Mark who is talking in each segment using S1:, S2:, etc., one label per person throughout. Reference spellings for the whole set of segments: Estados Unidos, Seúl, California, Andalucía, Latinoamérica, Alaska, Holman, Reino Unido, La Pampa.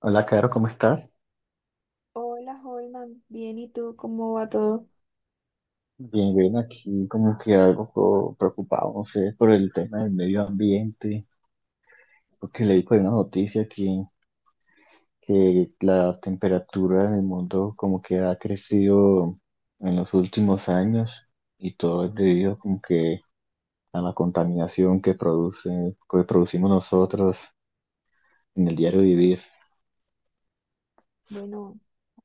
S1: Hola, Caro, ¿cómo estás?
S2: Hola, Holman. Bien, ¿y tú cómo va todo?
S1: Bien, bien, aquí como que algo preocupado, no sé, por el tema del medio ambiente, porque leí por una noticia que la temperatura en el mundo como que ha crecido en los últimos años y todo es debido como que a la contaminación que que producimos nosotros en el diario vivir.
S2: Bueno,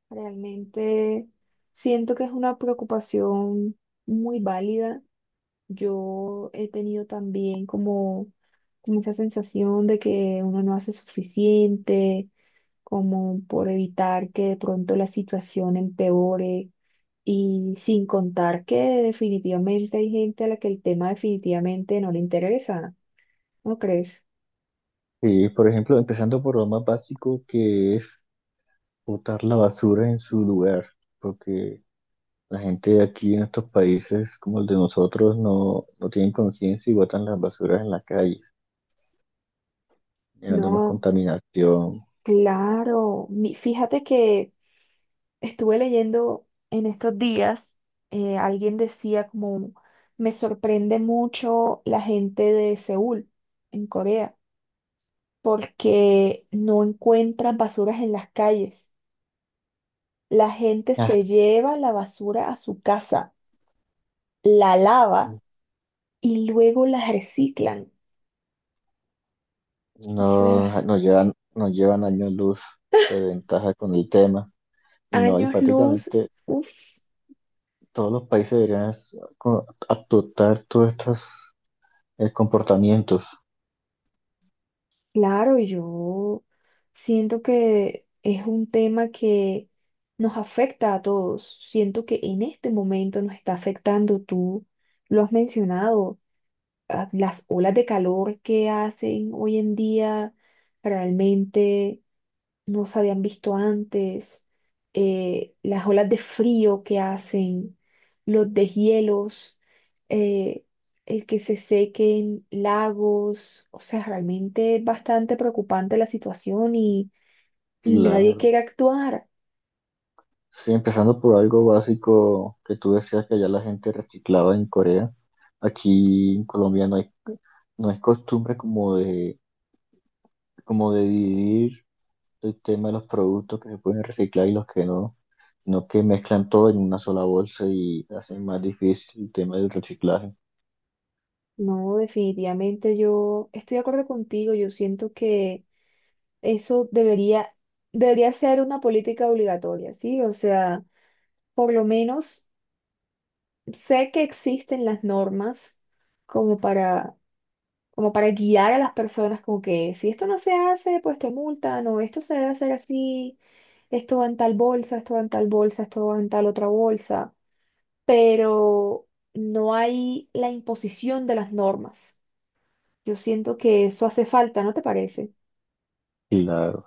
S2: realmente siento que es una preocupación muy válida. Yo he tenido también como esa sensación de que uno no hace suficiente, como por evitar que de pronto la situación empeore. Y sin contar que definitivamente hay gente a la que el tema definitivamente no le interesa, ¿no crees?
S1: Y, por ejemplo, empezando por lo más básico que es botar la basura en su lugar, porque la gente de aquí en estos países como el de nosotros no tienen conciencia y botan las basuras en la calle, llevando más
S2: No.
S1: contaminación.
S2: Claro, fíjate que estuve leyendo en estos días, alguien decía como, me sorprende mucho la gente de Seúl, en Corea, porque no encuentran basuras en las calles. La gente se
S1: As-
S2: lleva la basura a su casa, la lava y luego la reciclan. O
S1: No,
S2: sea,
S1: nos llevan años luz de ventaja con el tema. Y no, y
S2: años luz,
S1: prácticamente
S2: uff.
S1: todos los países deberían adoptar todos estos comportamientos.
S2: Claro, yo siento que es un tema que nos afecta a todos. Siento que en este momento nos está afectando, tú lo has mencionado, ah, las olas de calor que hacen hoy en día realmente no se habían visto antes, las olas de frío que hacen, los deshielos, eh, el que se sequen lagos, o sea, realmente es bastante preocupante la situación y nadie
S1: Claro.
S2: quiere actuar.
S1: Sí, empezando por algo básico que tú decías que allá la gente reciclaba en Corea. Aquí en Colombia no hay costumbre como de dividir el tema de los productos que se pueden reciclar y los que no, sino que mezclan todo en una sola bolsa y hacen más difícil el tema del reciclaje.
S2: No, definitivamente yo estoy de acuerdo contigo, yo siento que eso debería, debería ser una política obligatoria, ¿sí? O sea, por lo menos sé que existen las normas como para, como para guiar a las personas, como que si esto no se hace, pues te multan, o esto se debe hacer así, esto va en tal bolsa, esto va en tal bolsa, esto va en tal otra bolsa, pero no hay la imposición de las normas. Yo siento que eso hace falta, ¿no te parece?
S1: Claro.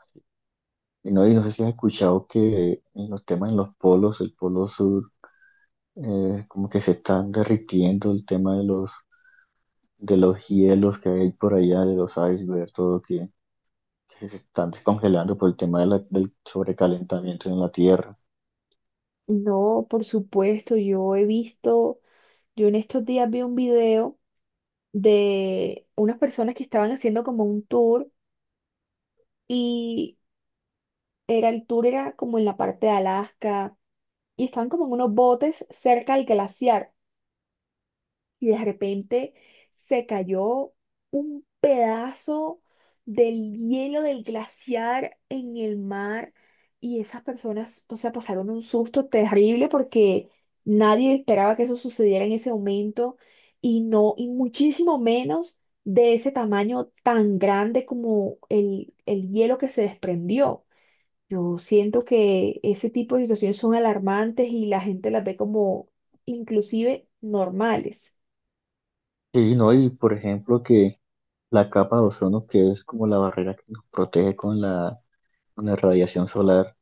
S1: Y no sé si has escuchado que en los temas en los polos, el polo sur, como que se están derritiendo el tema de de los hielos que hay por allá, de los icebergs, que se están descongelando por el tema de del sobrecalentamiento en la Tierra.
S2: No, por supuesto, yo he visto, yo en estos días vi un video de unas personas que estaban haciendo como un tour. Y Era el tour era como en la parte de Alaska y estaban como en unos botes cerca del glaciar y de repente se cayó un pedazo del hielo del glaciar en el mar y esas personas, o sea, pasaron un susto terrible porque nadie esperaba que eso sucediera en ese momento y no, y muchísimo menos de ese tamaño tan grande como el hielo que se desprendió. Yo siento que ese tipo de situaciones son alarmantes y la gente las ve como inclusive normales.
S1: Y no, y por ejemplo que la capa de ozono, que es como la barrera que nos protege con con la radiación solar,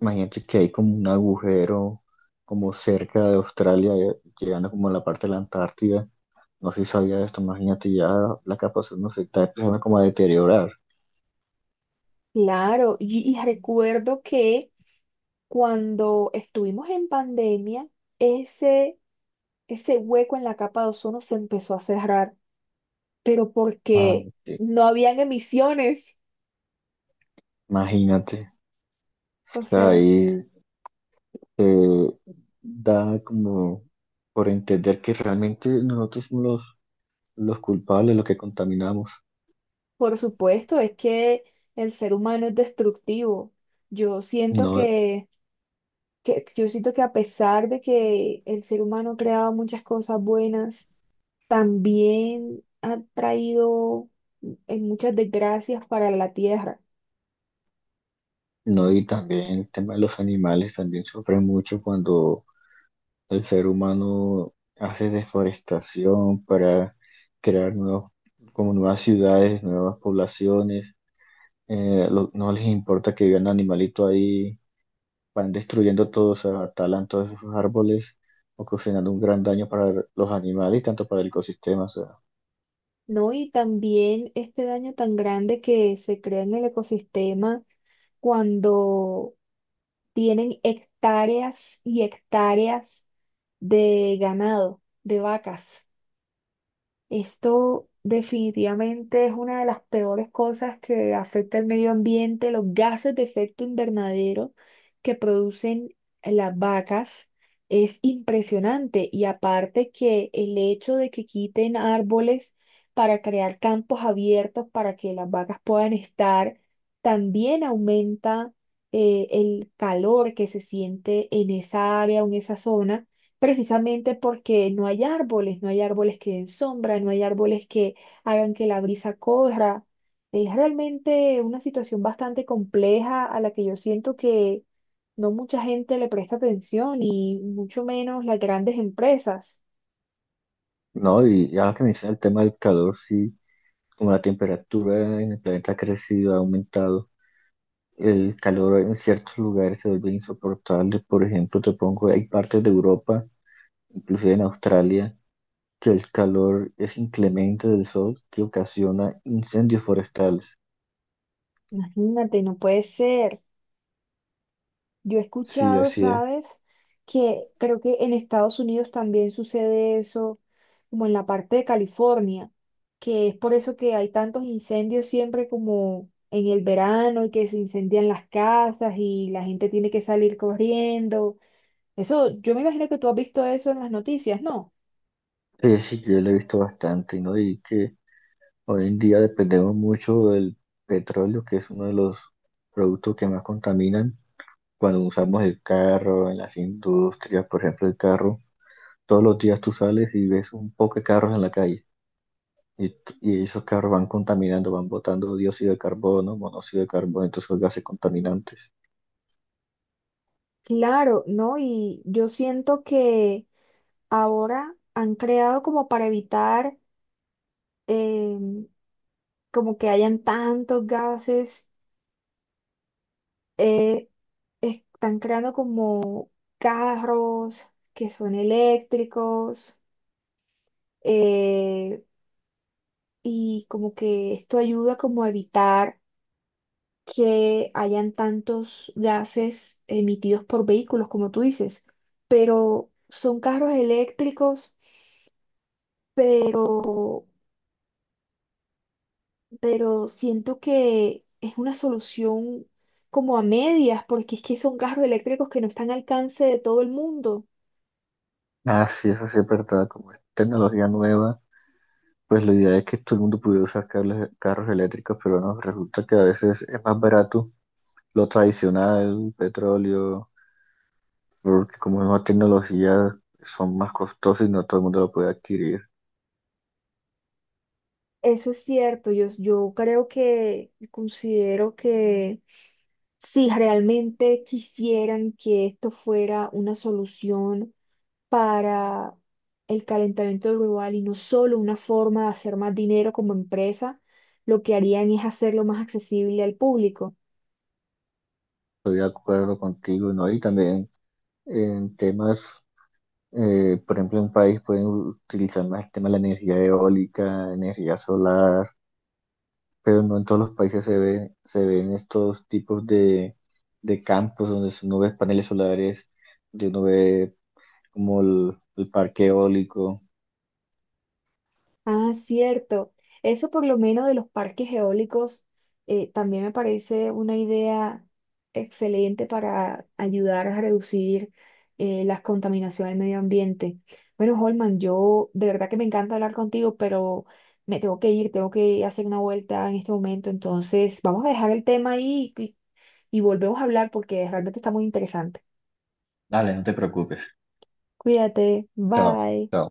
S1: imagínate que hay como un agujero como cerca de Australia, llegando como a la parte de la Antártida. No sé si sabía esto, imagínate ya la capa de ozono se está empezando como a deteriorar.
S2: Claro, y recuerdo que cuando estuvimos en pandemia, ese, ese hueco en la capa de ozono se empezó a cerrar, pero
S1: Ah,
S2: porque
S1: sí,
S2: no habían emisiones.
S1: imagínate,
S2: O sea,
S1: ahí eh, da como por entender que realmente nosotros somos los culpables, los que contaminamos.
S2: por supuesto, es que el ser humano es destructivo. Yo siento
S1: No,
S2: que Yo siento que a pesar de que el ser humano ha creado muchas cosas buenas, también ha traído en muchas desgracias para la tierra,
S1: no, y también el tema de los animales también sufren mucho cuando el ser humano hace deforestación para crear como nuevas ciudades, nuevas poblaciones. No les importa que vivan animalitos ahí, van destruyendo todos, o sea, talan todos esos árboles, ocasionando un gran daño para los animales y tanto para el ecosistema. O sea,
S2: ¿no? Y también este daño tan grande que se crea en el ecosistema cuando tienen hectáreas y hectáreas de ganado, de vacas. Esto definitivamente es una de las peores cosas que afecta al medio ambiente, los gases de efecto invernadero que producen las vacas. Es impresionante y aparte que el hecho de que quiten árboles para crear campos abiertos para que las vacas puedan estar, también aumenta el calor que se siente en esa área o en esa zona precisamente porque no hay árboles, no hay árboles que den sombra, no hay árboles que hagan que la brisa corra. Es realmente una situación bastante compleja a la que yo siento que no mucha gente le presta atención y mucho menos las grandes empresas.
S1: no, y ahora que me el tema del calor, sí, como la temperatura en el planeta ha crecido, ha aumentado, el calor en ciertos lugares se vuelve insoportable. Por ejemplo, te pongo, hay partes de Europa, inclusive en Australia, que el calor es inclemente del sol que ocasiona incendios forestales.
S2: Imagínate, no puede ser. Yo he
S1: Sí,
S2: escuchado,
S1: así es.
S2: ¿sabes? Que creo que en Estados Unidos también sucede eso, como en la parte de California, que es por eso que hay tantos incendios siempre como en el verano y que se incendian las casas y la gente tiene que salir corriendo. Eso, yo me imagino que tú has visto eso en las noticias, ¿no?
S1: Sí, sí, yo lo he visto bastante, ¿no? Y que hoy en día dependemos mucho del petróleo, que es uno de los productos que más contaminan cuando usamos el carro, en las industrias, por ejemplo, el carro, todos los días tú sales y ves un poco de carros en la calle y, y esos carros van contaminando, van botando dióxido de carbono, monóxido de carbono, entonces son gases contaminantes.
S2: Claro, ¿no? Y yo siento que ahora han creado como para evitar em, como que hayan tantos gases eh, están creando como carros que son eléctricos eh, y como que esto ayuda como a evitar que hayan tantos gases emitidos por vehículos, como tú dices, pero son carros eléctricos, pero, pero siento que es una solución como a medias, porque es que son carros eléctricos que no están al alcance de todo el mundo.
S1: Ah, sí, eso sí es verdad, como es tecnología nueva, pues la idea es que todo el mundo pudiera usar carros eléctricos, pero no, resulta que a veces es más barato lo tradicional, petróleo, porque como es nueva tecnología, son más costosos y no todo el mundo lo puede adquirir.
S2: Eso es cierto, yo creo que considero que si realmente quisieran que esto fuera una solución para el calentamiento global y no solo una forma de hacer más dinero como empresa, lo que harían es hacerlo más accesible al público.
S1: Estoy de acuerdo contigo, ¿no? Y también en temas, por ejemplo, en un país pueden utilizar más el tema de la energía eólica, energía solar, pero no en todos los países se ven estos tipos de campos donde uno ve paneles solares, donde uno ve como el parque eólico.
S2: Ah, cierto. Eso por lo menos de los parques eólicos también me parece una idea excelente para ayudar a reducir las contaminaciones del medio ambiente. Bueno, Holman, yo de verdad que me encanta hablar contigo, pero me tengo que ir, tengo que hacer una vuelta en este momento. Entonces, vamos a dejar el tema ahí y volvemos a hablar porque realmente está muy interesante.
S1: Dale, no te preocupes.
S2: Cuídate,
S1: Chao.
S2: bye.
S1: Chao.